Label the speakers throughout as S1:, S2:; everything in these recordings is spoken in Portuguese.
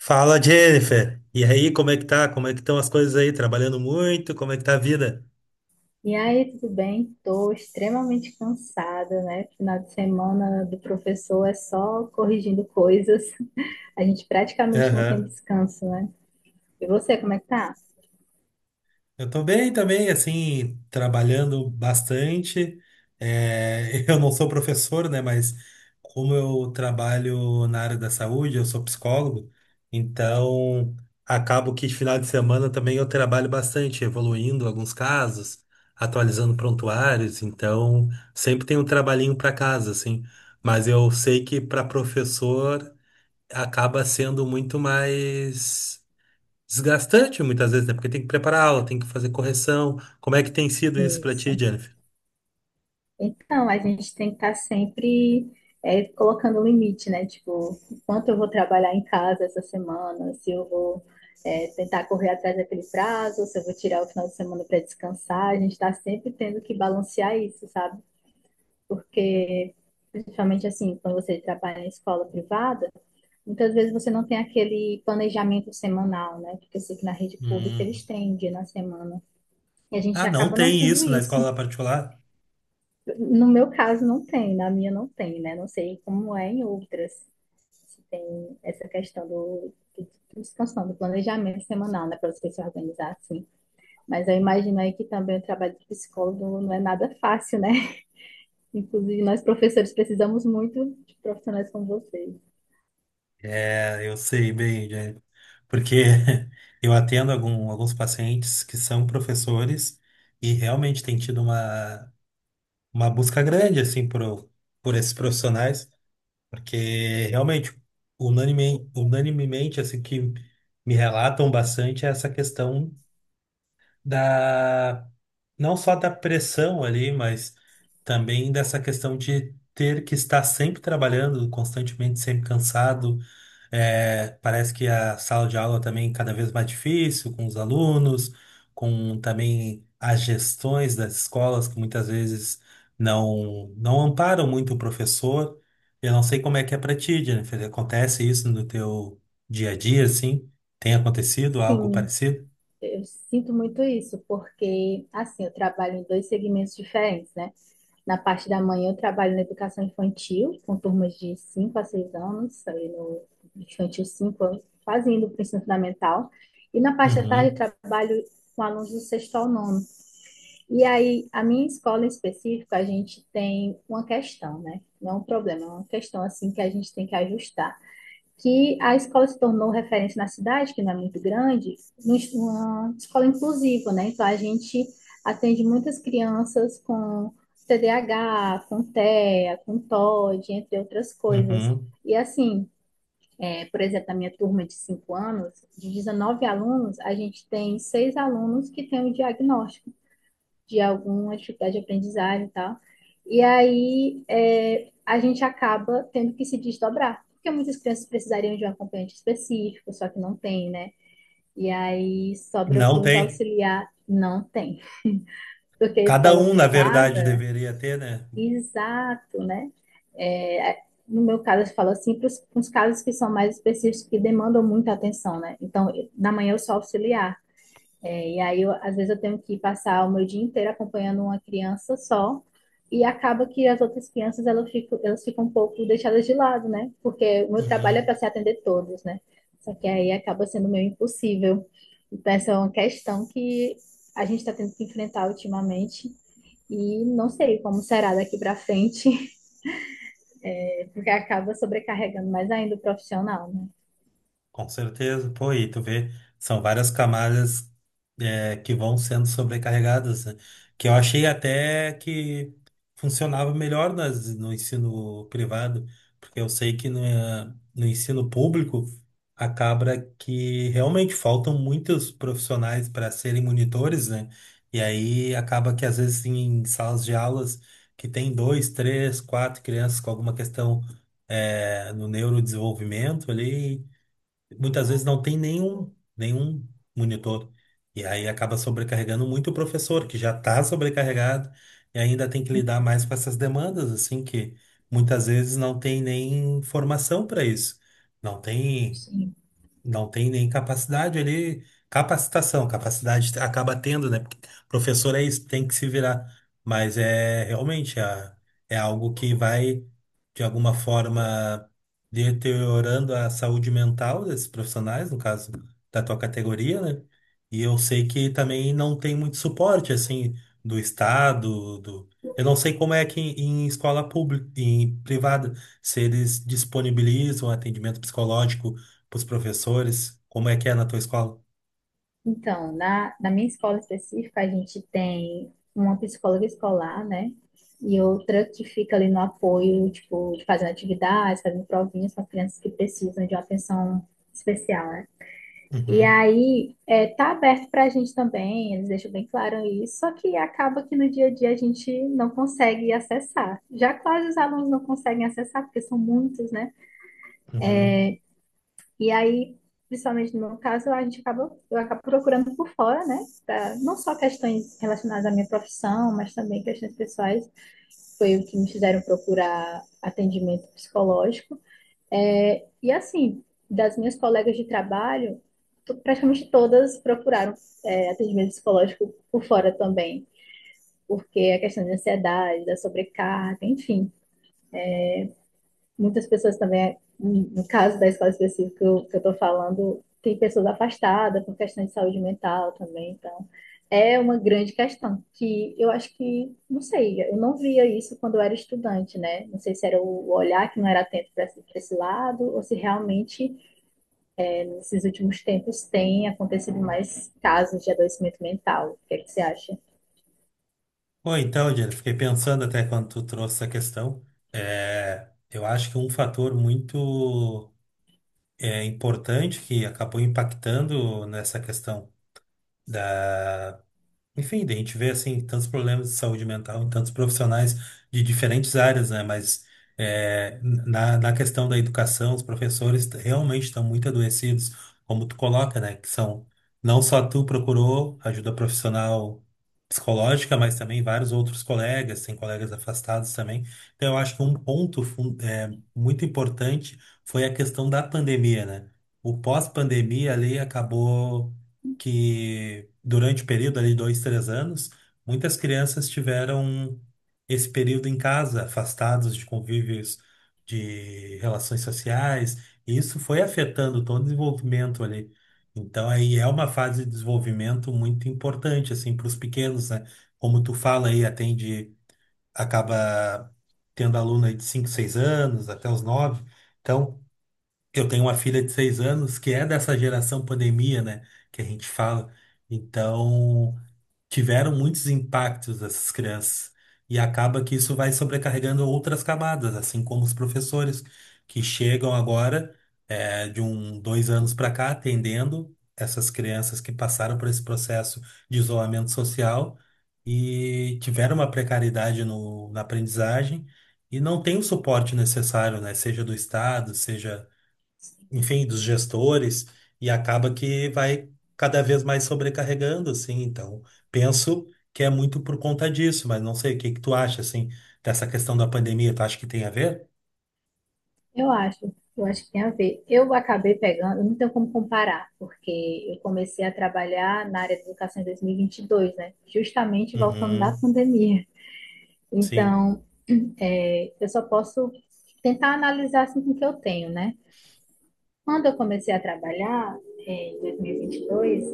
S1: Fala, Jennifer. E aí, como é que tá? Como é que estão as coisas aí? Trabalhando muito? Como é que tá a vida?
S2: E aí, tudo bem? Estou extremamente cansada, né? Final de semana do professor é só corrigindo coisas. A gente praticamente não tem descanso, né? E você, como é que tá?
S1: Eu tô bem também, assim, trabalhando bastante. É, eu não sou professor, né? Mas como eu trabalho na área da saúde, eu sou psicólogo, então acabo que de final de semana também eu trabalho bastante, evoluindo alguns casos, atualizando prontuários, então sempre tem um trabalhinho para casa, assim. Mas eu sei que para professor acaba sendo muito mais desgastante muitas vezes, né? Porque tem que preparar aula, tem que fazer correção. Como é que tem sido isso pra ti,
S2: Isso.
S1: Jennifer?
S2: Então, a gente tem que estar sempre colocando um limite, né? Tipo, quanto eu vou trabalhar em casa essa semana, se eu vou tentar correr atrás daquele prazo, se eu vou tirar o final de semana para descansar. A gente está sempre tendo que balancear isso, sabe? Porque principalmente assim, quando você trabalha em escola privada, muitas vezes você não tem aquele planejamento semanal, né? Porque eu sei que na rede pública eles
S1: Uhum.
S2: têm um dia na semana. E a gente
S1: Ah, não
S2: acaba não
S1: tem
S2: tendo
S1: isso na
S2: isso.
S1: escola particular?
S2: No meu caso, não tem, na minha não tem, né? Não sei como é em outras, se tem essa questão do descanso, do planejamento semanal, né? Para você se organizar assim. Mas eu imagino aí que também o trabalho de psicólogo não é nada fácil, né? Inclusive, nós professores precisamos muito de profissionais como vocês.
S1: É, eu sei bem, Jennifer. Porque eu atendo alguns pacientes que são professores e realmente tem tido uma busca grande, assim, por esses profissionais, porque realmente, unanimemente, assim, que me relatam bastante é essa questão da não só da pressão ali, mas também dessa questão de ter que estar sempre trabalhando, constantemente, sempre cansado. Parece que a sala de aula também é cada vez mais difícil com os alunos, com também as gestões das escolas que muitas vezes não amparam muito o professor. Eu não sei como é que é para ti, Jennifer. Acontece isso no teu dia a dia, assim? Tem acontecido algo
S2: Sim,
S1: parecido?
S2: eu sinto muito isso, porque assim, eu trabalho em dois segmentos diferentes, né? Na parte da manhã eu trabalho na educação infantil, com turmas de 5 a 6 anos, ali no infantil 5 quase indo para o ensino fundamental. E na parte da tarde
S1: Uhum,
S2: eu trabalho com alunos do sexto ao nono. E aí, a minha escola em específico, a gente tem uma questão, né? Não é um problema, é uma questão assim que a gente tem que ajustar, que a escola se tornou referência na cidade, que não é muito grande, uma escola inclusiva, né? Então a gente atende muitas crianças com TDAH, com TEA, com TOD, entre outras coisas.
S1: uhum.
S2: E assim, é, por exemplo, na minha turma de 5 anos, de 19 alunos, a gente tem 6 alunos que têm o diagnóstico de alguma dificuldade de aprendizagem e tal. E aí a gente acaba tendo que se desdobrar, porque muitas crianças precisariam de um acompanhante específico, só que não tem, né? E aí sobra
S1: Não
S2: para os
S1: tem.
S2: auxiliar, não tem. Porque a
S1: Cada
S2: escola
S1: um, na verdade,
S2: privada,
S1: deveria ter, né?
S2: exato, né? É, no meu caso, eu falo assim, para os casos que são mais específicos, que demandam muita atenção, né? Então, na manhã eu sou auxiliar. E aí, às vezes, eu tenho que passar o meu dia inteiro acompanhando uma criança só, e acaba que as outras crianças elas ficam um pouco deixadas de lado, né? Porque o meu trabalho é para
S1: Uhum.
S2: se atender todos, né? Só que aí acaba sendo meio impossível. Então, essa é uma questão que a gente está tendo que enfrentar ultimamente, e não sei como será daqui para frente, porque acaba sobrecarregando mais ainda o profissional, né?
S1: Com certeza, pô, e tu vê, são várias camadas, que vão sendo sobrecarregadas, né? Que eu achei até que funcionava melhor nas, no ensino privado, porque eu sei que no, no ensino público acaba que realmente faltam muitos profissionais para serem monitores, né? E aí acaba que às vezes em salas de aulas que tem dois, três, quatro crianças com alguma questão no neurodesenvolvimento ali muitas vezes não tem nenhum monitor. E aí acaba sobrecarregando muito o professor, que já está sobrecarregado e ainda tem que lidar mais com essas demandas, assim, que muitas vezes não tem nem formação para isso. Não tem,
S2: Sim.
S1: não tem nem capacidade ali, capacitação, capacidade acaba tendo, né? Porque professor é isso, tem que se virar. Mas é realmente, é algo que vai, de alguma forma, deteriorando a saúde mental desses profissionais, no caso da tua categoria, né? E eu sei que também não tem muito suporte, assim, do Estado, do... Eu não sei como é que em escola pública, em privada, se eles disponibilizam atendimento psicológico para os professores? Como é que é na tua escola?
S2: Então, na minha escola específica, a gente tem uma psicóloga escolar, né? E outra que fica ali no apoio, tipo, fazendo atividades, fazendo provinhas para crianças que precisam de uma atenção especial, né? E
S1: Uhum,
S2: aí, é, tá aberto para a gente também, eles deixam bem claro isso, só que acaba que no dia a dia a gente não consegue acessar. Já quase os alunos não conseguem acessar, porque são muitos, né?
S1: uhum.
S2: E aí, principalmente no meu caso, a gente acaba, eu acabo procurando por fora, né? Não só questões relacionadas à minha profissão, mas também questões pessoais. Foi o que me fizeram procurar atendimento psicológico. E assim, das minhas colegas de trabalho, praticamente todas procuraram atendimento psicológico por fora também, porque a questão de ansiedade, da sobrecarga, enfim. Muitas pessoas também, no caso da escola específica que eu estou falando, tem pessoas afastadas por questão de saúde mental também, então é uma grande questão que eu acho que, não sei, eu não via isso quando eu era estudante, né? Não sei se era o olhar que não era atento para pra esse lado ou se realmente nesses últimos tempos tem acontecido mais casos de adoecimento mental. O que é que você acha?
S1: Bom, então, Jennifer, fiquei pensando até quando tu trouxe essa questão. É, eu acho que um fator muito, importante, que acabou impactando nessa questão da. Enfim, daí a gente vê assim tantos problemas de saúde mental em tantos profissionais de diferentes áreas, né? Mas na questão da educação, os professores, realmente estão muito adoecidos, como tu coloca, né? Que são, não só tu procurou ajuda profissional psicológica, mas também vários outros colegas, tem colegas afastados também. Então eu acho que um ponto, muito importante, foi a questão da pandemia, né? O pós-pandemia ali acabou que durante o período ali de dois, 3 anos, muitas crianças tiveram esse período em casa, afastados de convívios, de relações sociais, e isso foi afetando todo o desenvolvimento ali. Então aí é uma fase de desenvolvimento muito importante assim para os pequenos, né? Como tu fala aí, atende, acaba tendo aluno aí de 5 6 anos até os nove, então eu tenho uma filha de 6 anos que é dessa geração pandemia, né? Que a gente fala. Então, tiveram muitos impactos essas crianças. E acaba que isso vai sobrecarregando outras camadas, assim como os professores que chegam agora, de um, dois anos para cá, atendendo essas crianças que passaram por esse processo de isolamento social e tiveram uma precariedade na aprendizagem e não tem o suporte necessário, né? Seja do Estado, seja enfim, dos gestores, e acaba que vai cada vez mais sobrecarregando, assim. Então, penso que é muito por conta disso, mas não sei, o que que tu acha, assim, dessa questão da pandemia? Tu acha que tem a ver?
S2: Eu acho que tem a ver. Eu acabei pegando, eu não tenho como comparar, porque eu comecei a trabalhar na área de educação em 2022, né? Justamente voltando da
S1: Uhum,
S2: pandemia.
S1: sim,
S2: Então, eu só posso tentar analisar assim com o que eu tenho, né? Quando eu comecei a trabalhar, em 2022,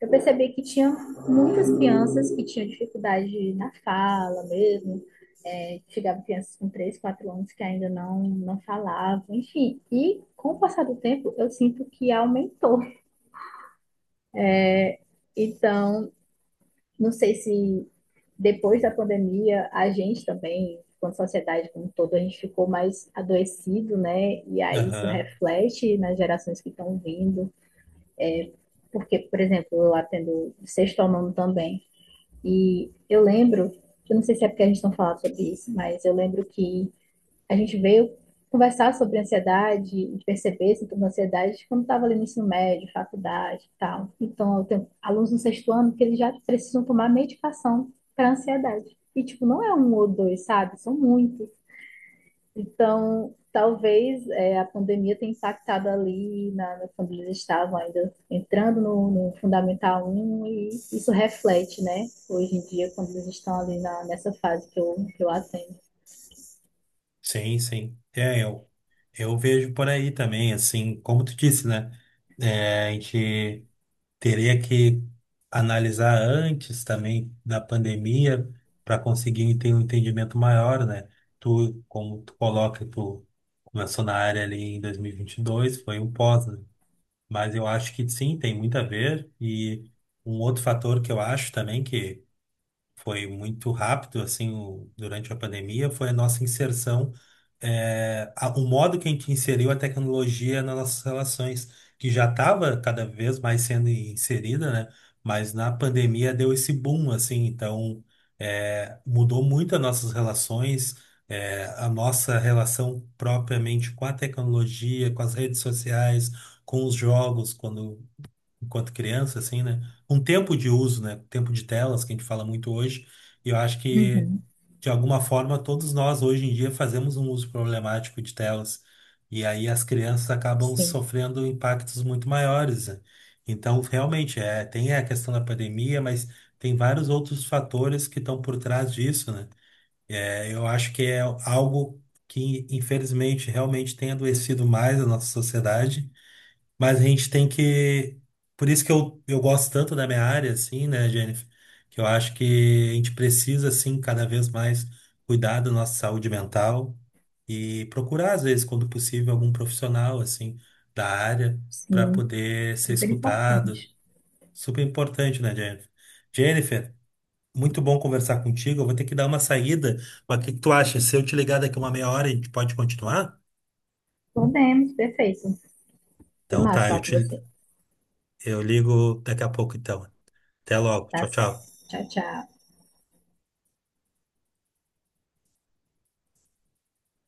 S2: eu percebi que tinha muitas crianças que tinham dificuldade na fala mesmo. Chegava crianças com 3, 4 anos que ainda não falavam, enfim. E com o passar do tempo, eu sinto que aumentou. Então, não sei se depois da pandemia, a gente também, quanto sociedade como um todo, a gente ficou mais adoecido, né? E aí isso
S1: aham,
S2: reflete nas gerações que estão vindo. Porque, por exemplo, eu atendo sexto ao nono também. E eu lembro, eu não sei se é porque a gente não fala sobre isso, mas eu lembro que a gente veio conversar sobre ansiedade e perceber sintomas de ansiedade quando estava ali no ensino médio, faculdade e tal. Então, eu tenho alunos no sexto ano que eles já precisam tomar medicação para ansiedade. E, tipo, não é um ou dois, sabe? São muitos. Então, talvez a pandemia tenha impactado ali quando eles estavam ainda entrando no Fundamental um e isso reflete, né? Hoje em dia, quando eles estão ali nessa fase que que eu atendo.
S1: sim, sim. É, eu vejo por aí também, assim, como tu disse, né? É, a gente teria que analisar antes também da pandemia para conseguir ter um entendimento maior, né? Tu, como tu coloca, tu começou na área ali em dois mil e vinte e dois, foi um pós, né? Mas eu acho que sim, tem muito a ver. E um outro fator que eu acho também que foi muito rápido assim o- durante a pandemia foi a nossa inserção, o modo que a gente inseriu a tecnologia nas nossas relações, que já estava cada vez mais sendo inserida, né? Mas na pandemia deu esse boom, assim. Então, mudou muito as nossas relações, a nossa relação propriamente com a tecnologia, com as redes sociais, com os jogos, quando enquanto criança, assim, né? Um tempo de uso, né? Tempo de telas, que a gente fala muito hoje. E eu acho que,
S2: Uhum.
S1: de alguma forma, todos nós, hoje em dia, fazemos um uso problemático de telas. E aí as crianças acabam
S2: Sim,
S1: sofrendo impactos muito maiores, né? Então, realmente, tem a questão da pandemia, mas tem vários outros fatores que estão por trás disso, né? Eu acho que é algo que, infelizmente, realmente tem adoecido mais a nossa sociedade, mas a gente tem que. Por isso que eu gosto tanto da minha área, assim, né, Jennifer? Que eu acho que a gente precisa, assim, cada vez mais cuidar da nossa saúde mental e procurar, às vezes, quando possível, algum profissional, assim, da área, para
S2: sim.
S1: poder ser
S2: Super
S1: escutado.
S2: importante.
S1: Super importante, né, Jennifer? Jennifer, muito bom conversar contigo. Eu vou ter que dar uma saída, mas o que que tu acha? Se eu te ligar daqui uma meia hora, a gente pode continuar?
S2: Podemos, perfeito. Foi
S1: Então
S2: massa
S1: tá,
S2: falar com você.
S1: eu ligo daqui a pouco, então. Até logo.
S2: Tá
S1: Tchau, tchau.
S2: certo. Tchau, tchau.